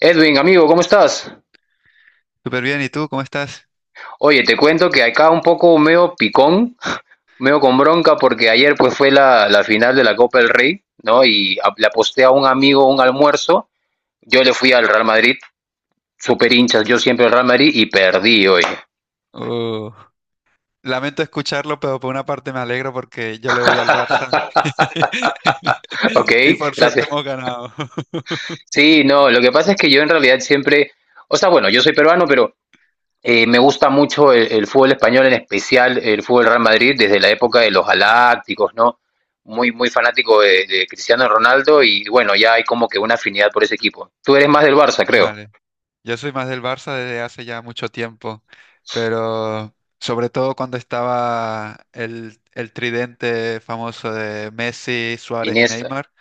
Edwin, amigo, ¿cómo estás? Súper bien, ¿y tú cómo estás? Oye, te cuento que acá un poco meo picón, meo con bronca porque ayer pues fue la final de la Copa del Rey, ¿no? Le aposté a un amigo un almuerzo, yo le fui al Real Madrid, super hinchas, yo siempre al Real Madrid y perdí hoy. Uh, Lamento escucharlo, pero por una parte me alegro porque yo le voy al Barça Ok, y por suerte gracias. hemos ganado. Sí, no, lo que pasa es que yo en realidad siempre, o sea, bueno, yo soy peruano, pero me gusta mucho el fútbol español, en especial el fútbol Real Madrid, desde la época de los galácticos, ¿no? Muy, muy fanático de Cristiano Ronaldo y bueno, ya hay como que una afinidad por ese equipo. Tú eres más del Barça, creo. Vale, yo soy más del Barça desde hace ya mucho tiempo, pero sobre todo cuando estaba el tridente famoso de Messi, Suárez y Iniesta. Neymar.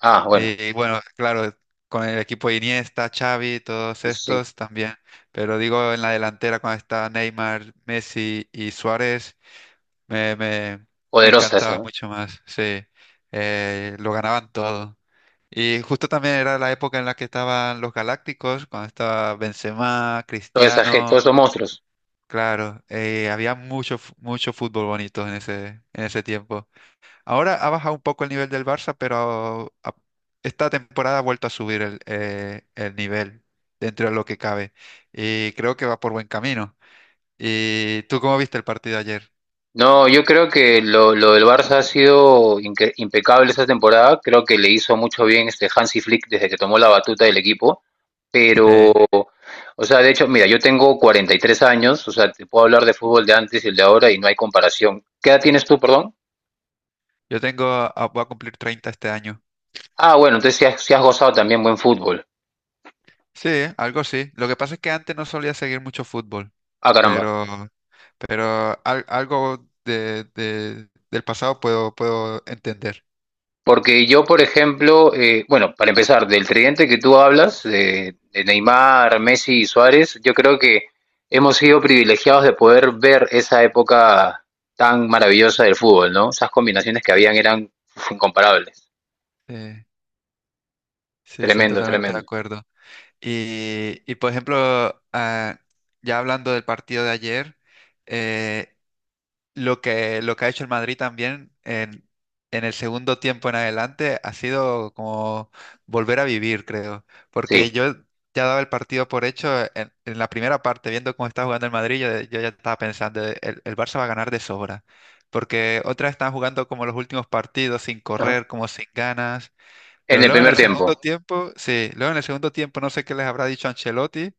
Ah, bueno, Y bueno, claro, con el equipo de Iniesta, Xavi, todos sí, sí. estos también, pero digo en la delantera cuando está Neymar, Messi y Suárez. Me, me, me Poderosa esa, encantaba ¿no? mucho más, sí. Lo ganaban todo. Y justo también era la época en la que estaban los Galácticos, cuando estaba Benzema, Cristiano, Todos esos monstruos. claro, había mucho fútbol bonito en ese tiempo. Ahora ha bajado un poco el nivel del Barça, pero esta temporada ha vuelto a subir el nivel dentro de lo que cabe. Y creo que va por buen camino. ¿Y tú cómo viste el partido ayer? No, yo creo que lo del Barça ha sido impecable esta temporada. Creo que le hizo mucho bien este Hansi Flick desde que tomó la batuta del equipo. Pero, Sí. o sea, de hecho, mira, yo tengo 43 años, o sea, te puedo hablar de fútbol de antes y el de ahora y no hay comparación. ¿Qué edad tienes tú, perdón? Voy a cumplir 30 este año. Ah, bueno, entonces sí has gozado también buen fútbol. Sí, algo así. Lo que pasa es que antes no solía seguir mucho fútbol, Ah, caramba. pero, algo del pasado puedo entender. Porque yo, por ejemplo, bueno, para empezar, del tridente que tú hablas, de Neymar, Messi y Suárez, yo creo que hemos sido privilegiados de poder ver esa época tan maravillosa del fútbol, ¿no? Esas combinaciones que habían eran uf, incomparables. Sí, sí, sí, Tremendo, totalmente de tremendo. acuerdo. Y por ejemplo, ya hablando del partido de ayer, eh, lo que ha hecho el Madrid también en, el segundo tiempo en adelante ha sido como volver a vivir, creo. Porque Sí. yo ya daba el partido por hecho en la primera parte, viendo cómo estaba jugando el Madrid, yo ya estaba pensando, el Barça va a ganar de sobra. Porque otra vez están jugando como los últimos partidos, sin Ajá. correr, como sin ganas. En Pero el luego en primer el tiempo. segundo tiempo, sí, luego en el segundo tiempo no sé qué les habrá dicho Ancelotti.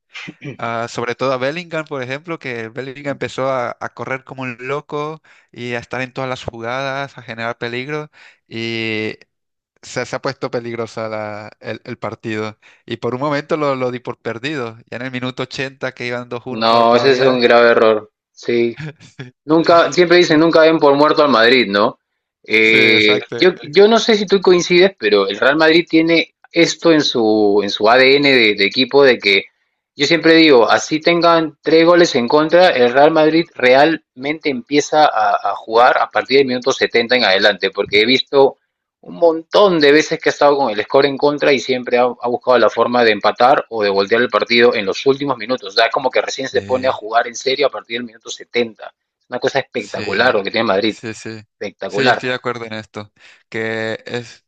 Ah, sobre todo a Bellingham, por ejemplo, que Bellingham empezó a correr como un loco y a estar en todas las jugadas, a generar peligro y se ha puesto peligrosa el partido. Y por un momento lo di por perdido. Ya en el minuto 80, que iban 2-1 No, ese es un todavía. grave error. Sí. Nunca, siempre dicen Sí, nunca ven por muerto al Madrid, ¿no? sí, exacto. yo no sé si tú coincides, pero el Real Madrid tiene esto en su ADN de equipo de que yo siempre digo, así tengan tres goles en contra, el Real Madrid realmente empieza a jugar a partir del minuto 70 en adelante, porque he visto un montón de veces que ha estado con el score en contra y siempre ha buscado la forma de empatar o de voltear el partido en los últimos minutos. O sea, es como que recién se pone a Eh, jugar en serio a partir del minuto 70. Una cosa espectacular lo Sí, que tiene Madrid. sí, sí. Sí, yo Espectacular. estoy de acuerdo en esto. Que es,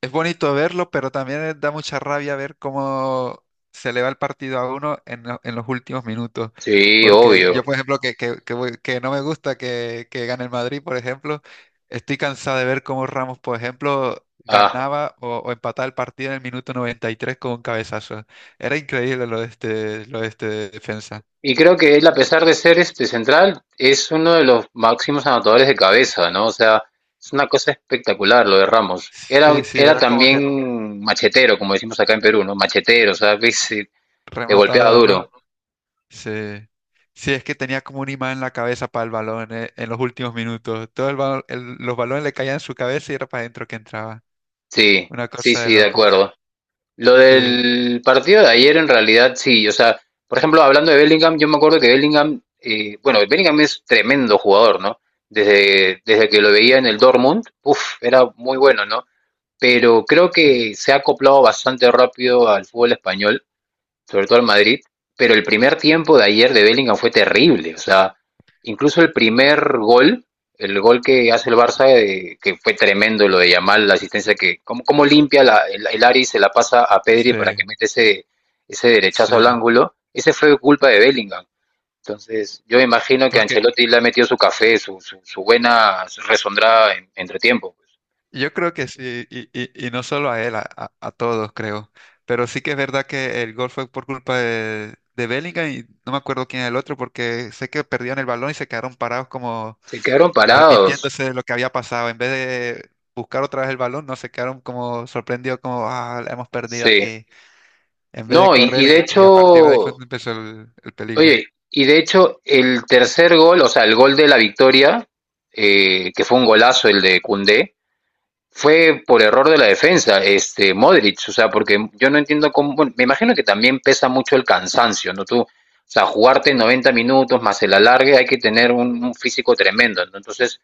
es bonito verlo, pero también da mucha rabia ver cómo se le va el partido a uno en los últimos minutos. Sí, Porque obvio. yo, por ejemplo, que no me gusta que gane el Madrid, por ejemplo, estoy cansado de ver cómo Ramos, por ejemplo, Ah, ganaba o empataba el partido en el minuto 93 con un cabezazo. Era increíble lo de este defensa. y creo que él, a pesar de ser este central, es uno de los máximos anotadores de cabeza, ¿no? O sea, es una cosa espectacular lo de Ramos. Era, Sí, sí, era era como que también machetero, como decimos acá en Perú, ¿no? Machetero, o sea, que te golpeaba rematador, ¿no? duro. Sí. Sí, es que tenía como un imán en la cabeza para el balón, en los últimos minutos. Todo el balón, los balones le caían en su cabeza y era para adentro que entraba. Sí, Una sí, cosa de sí, de locos. acuerdo. Lo Sí, del partido de ayer en realidad sí, o sea, por ejemplo, hablando de Bellingham, yo me acuerdo que Bellingham, bueno, Bellingham es tremendo jugador, ¿no? Desde que lo veía en el Dortmund, era muy bueno, ¿no? Pero creo sí, que se ha acoplado bastante rápido al fútbol español sobre todo al Madrid, pero el primer tiempo de ayer de Bellingham fue terrible, o sea, incluso el primer gol, el gol que hace el Barça, que fue tremendo lo de Yamal, la asistencia que, cómo limpia el Ari se la pasa a Pedri sí, para que mete ese derechazo al sí. ángulo, ese fue culpa de Bellingham. Entonces, yo me imagino que Porque Ancelotti le ha metido su café, su buena resondrada entre tiempo, pues. yo creo que sí, y, y no solo a él, a todos creo. Pero sí que es verdad que el gol fue por culpa de Bellingham y no me acuerdo quién es el otro, porque sé que perdían el balón y se quedaron parados como Se quedaron parados. arrepintiéndose de lo que había pasado. En vez de buscar otra vez el balón, no se quedaron como sorprendidos, como, ah, la hemos perdido Sí. aquí. En vez de No, y correr de y a partir de ahí fue hecho, donde empezó el peligro. oye, y de hecho, el tercer gol, o sea, el gol de la victoria, que fue un golazo el de Cundé, fue por error de la defensa, este Modric, o sea, porque yo no entiendo cómo, bueno, me imagino que también pesa mucho el cansancio, ¿no? Tú, o sea, jugarte 90 minutos más el alargue, hay que tener un físico tremendo, ¿no? Entonces,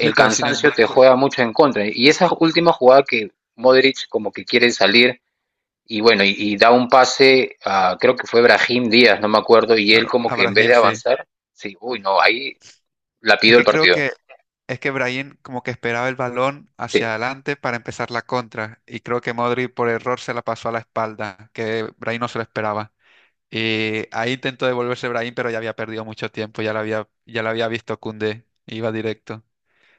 Sí, pero sin cansancio te embargo, juega mucho en contra. Y esa última jugada que Modric como que quiere salir y bueno, y da un pase a, creo que fue Brahim Díaz, no me acuerdo, y él a, como a que en vez Brahim de sí. avanzar, sí, uy, no, ahí la Es pido el que creo partido, que, es que Brahim como que esperaba el balón sí, hacia adelante para empezar la contra. Y creo que Modric por error se la pasó a la espalda, que Brahim no se lo esperaba. Y ahí intentó devolverse Brahim, pero ya había perdido mucho tiempo, ya la había visto Koundé, iba directo.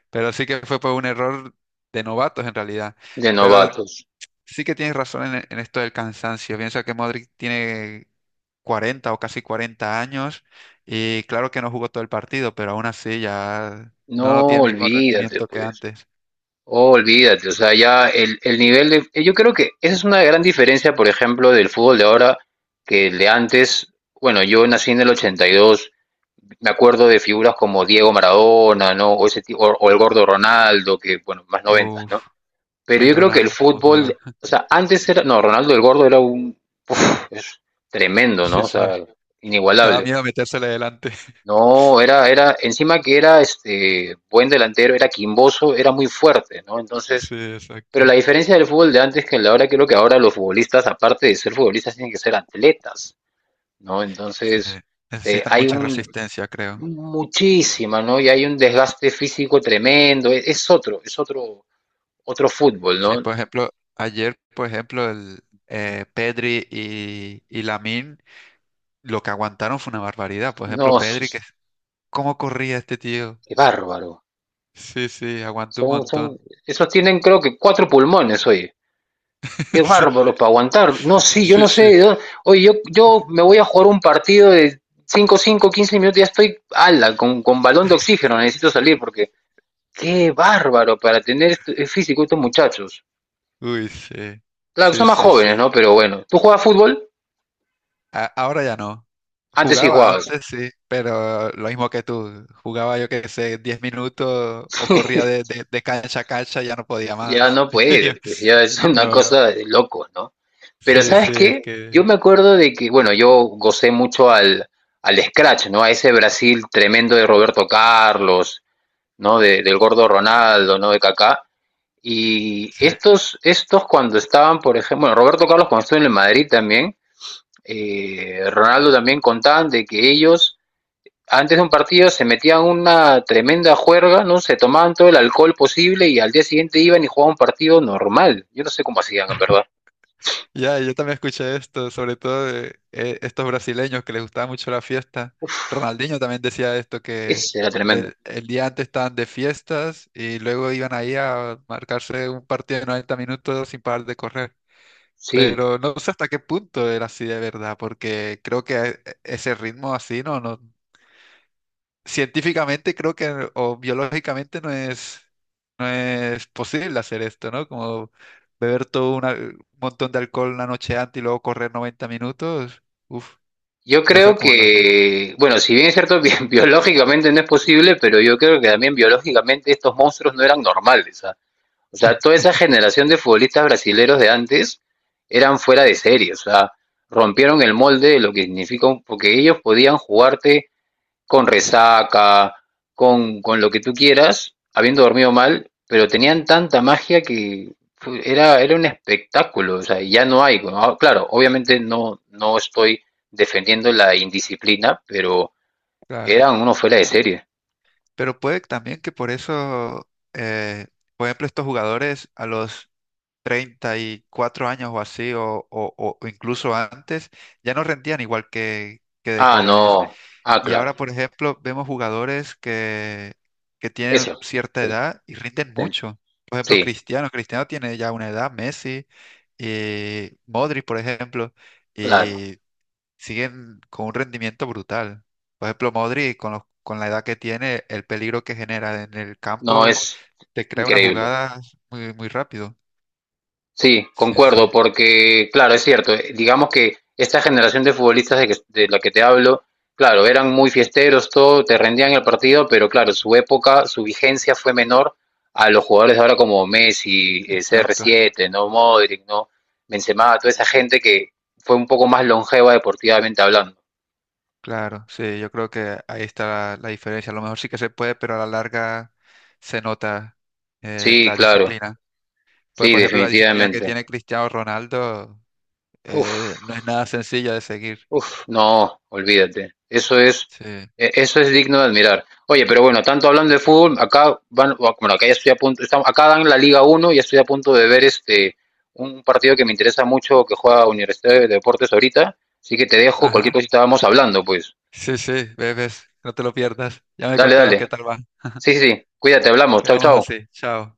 Pero sí que fue por un error de novatos en realidad. de Pero novatos. sí que tienes razón en esto del cansancio. Piensa que Modric tiene 40 o casi 40 años y claro que no jugó todo el partido, pero aún así ya No, no tiene el mismo olvídate, rendimiento que pues, antes. olvídate, o sea, ya el nivel de... Yo creo que esa es una gran diferencia, por ejemplo, del fútbol de ahora que el de antes. Bueno, yo nací en el 82, me acuerdo de figuras como Diego Maradona, ¿no? O, ese tipo, o el gordo Ronaldo, que, bueno, más noventas, ¿no? Uf, Pero el yo creo que el Ronaldo, cómo jugaba. fútbol, o sea, antes era, no, Ronaldo el Gordo era es tremendo, ¿no? Sí, O sea, sí. Daba inigualable. miedo metérsele delante. No, era, encima que era este buen delantero, era quimboso, era muy fuerte, ¿no? Entonces, Sí, pero la exacto. diferencia del fútbol de antes que el de ahora, creo que ahora los futbolistas, aparte de ser futbolistas, tienen que ser atletas, ¿no? Sí. Entonces, Necesitan hay mucha un resistencia, creo. muchísima, ¿no? Y hay un desgaste físico tremendo, otro fútbol, Sí, ¿no? por ejemplo, ayer, por ejemplo, el Pedri y Lamine, lo que aguantaron fue una barbaridad. Por ejemplo, No, Pedri, que cómo corría este tío. ¡qué bárbaro! Sí, sí, aguantó un Son, montón. esos tienen creo que cuatro pulmones, oye. ¡Qué bárbaro para aguantar! No, sí, yo Sí, no sí, sí. sé. Oye, yo me voy a jugar un partido de 5 5 15 minutos, ya estoy ala, con balón de oxígeno, necesito salir porque... ¡Qué bárbaro para tener el físico estos muchachos! Uy, sí. Claro, Sí, son más sí, jóvenes, sí. ¿no? Pero bueno, ¿tú juegas fútbol? Ahora ya no. Antes sí Jugaba jugabas. antes, sí, pero lo mismo que tú. Jugaba, yo qué sé, 10 minutos, o corría de cancha a cancha, ya no podía Ya más. no Yo, puede, pues ya es una no. cosa de loco, ¿no? Pero Sí, ¿sabes sí, es qué? Yo que. me acuerdo de que, bueno, yo gocé mucho al Scratch, ¿no? A ese Brasil tremendo de Roberto Carlos, ¿no? Del gordo Ronaldo, ¿no? De Kaká. Y Sí. estos cuando estaban, por ejemplo, bueno, Roberto Carlos cuando estuvo en el Madrid también, Ronaldo también contaban de que ellos antes de un partido se metían una tremenda juerga, ¿no? Se tomaban todo el alcohol posible y al día siguiente iban y jugaban un partido normal. Yo no sé cómo hacían, en verdad. Ya, yo también escuché esto, sobre todo de, estos brasileños que les gustaba mucho la fiesta. Uf, Ronaldinho también decía esto, que ese era tremendo. el día antes estaban de fiestas y luego iban ahí a marcarse un partido de 90 minutos sin parar de correr. Sí. Pero no sé hasta qué punto era así de verdad, porque creo que ese ritmo así no, no, científicamente creo que, o biológicamente no es posible hacer esto, ¿no? Como beber todo un montón de alcohol la noche antes y luego correr 90 minutos. Uf, Yo no sé creo cómo lo hacen. que, bueno, si bien es cierto, biológicamente no es posible, pero yo creo que también biológicamente estos monstruos no eran normales. ¿Ah? O sea, toda esa generación de futbolistas brasileros de antes eran fuera de serie. O sea, rompieron el molde de lo que significa, porque ellos podían jugarte con resaca, con lo que tú quieras, habiendo dormido mal, pero tenían tanta magia que era un espectáculo, o sea, ya no hay. ¿No? Ah, claro, obviamente no estoy defendiendo la indisciplina, pero Claro. eran uno fuera de serie. Pero puede también que por eso, eh, por ejemplo, estos jugadores a los 34 años o así, o incluso antes, ya no rendían igual que de Ah, jóvenes. no, ah, Y claro, ahora, por ejemplo, vemos jugadores que tienen eso, cierta sí, edad y rinden mucho. Por ejemplo, sí, Cristiano. Cristiano tiene ya una edad, Messi, y Modric, por ejemplo, claro, y siguen con un rendimiento brutal. Por ejemplo, Modric, con con la edad que tiene, el peligro que genera en el no campo, es te crea una increíble. jugada muy, muy rápido. Sí, Sí, concuerdo, sí, porque claro, es cierto, digamos que esta generación de futbolistas de la que te hablo, claro, eran muy fiesteros, todo, te rendían el partido, pero claro, su época, su vigencia fue menor a los jugadores de ahora como Messi, exacto. CR7, ¿no? Modric, ¿no? Benzema, toda esa gente que fue un poco más longeva deportivamente hablando. Claro, sí, yo creo que ahí está la diferencia. A lo mejor sí que se puede, pero a la larga se nota, Sí, la claro, disciplina. Pues, sí, por ejemplo, la disciplina que tiene definitivamente. Cristiano Ronaldo, Uf. No es nada sencilla de seguir. Uf, no, olvídate. Eso es, Sí, eso es digno de admirar. Oye, pero bueno, tanto hablando de fútbol, acá van, bueno, acá ya estoy a punto, estamos, acá dan la Liga Uno y estoy a punto de ver este un partido que me interesa mucho que juega Universidad de Deportes ahorita, así que te dejo, cualquier ajá. cosita vamos hablando, pues. Sí, sí, bebés, no te lo pierdas. Ya me Dale, contarás qué dale. tal va. Sí, sí, sí. Cuídate, hablamos. Chau, Quedamos chau. así, chao.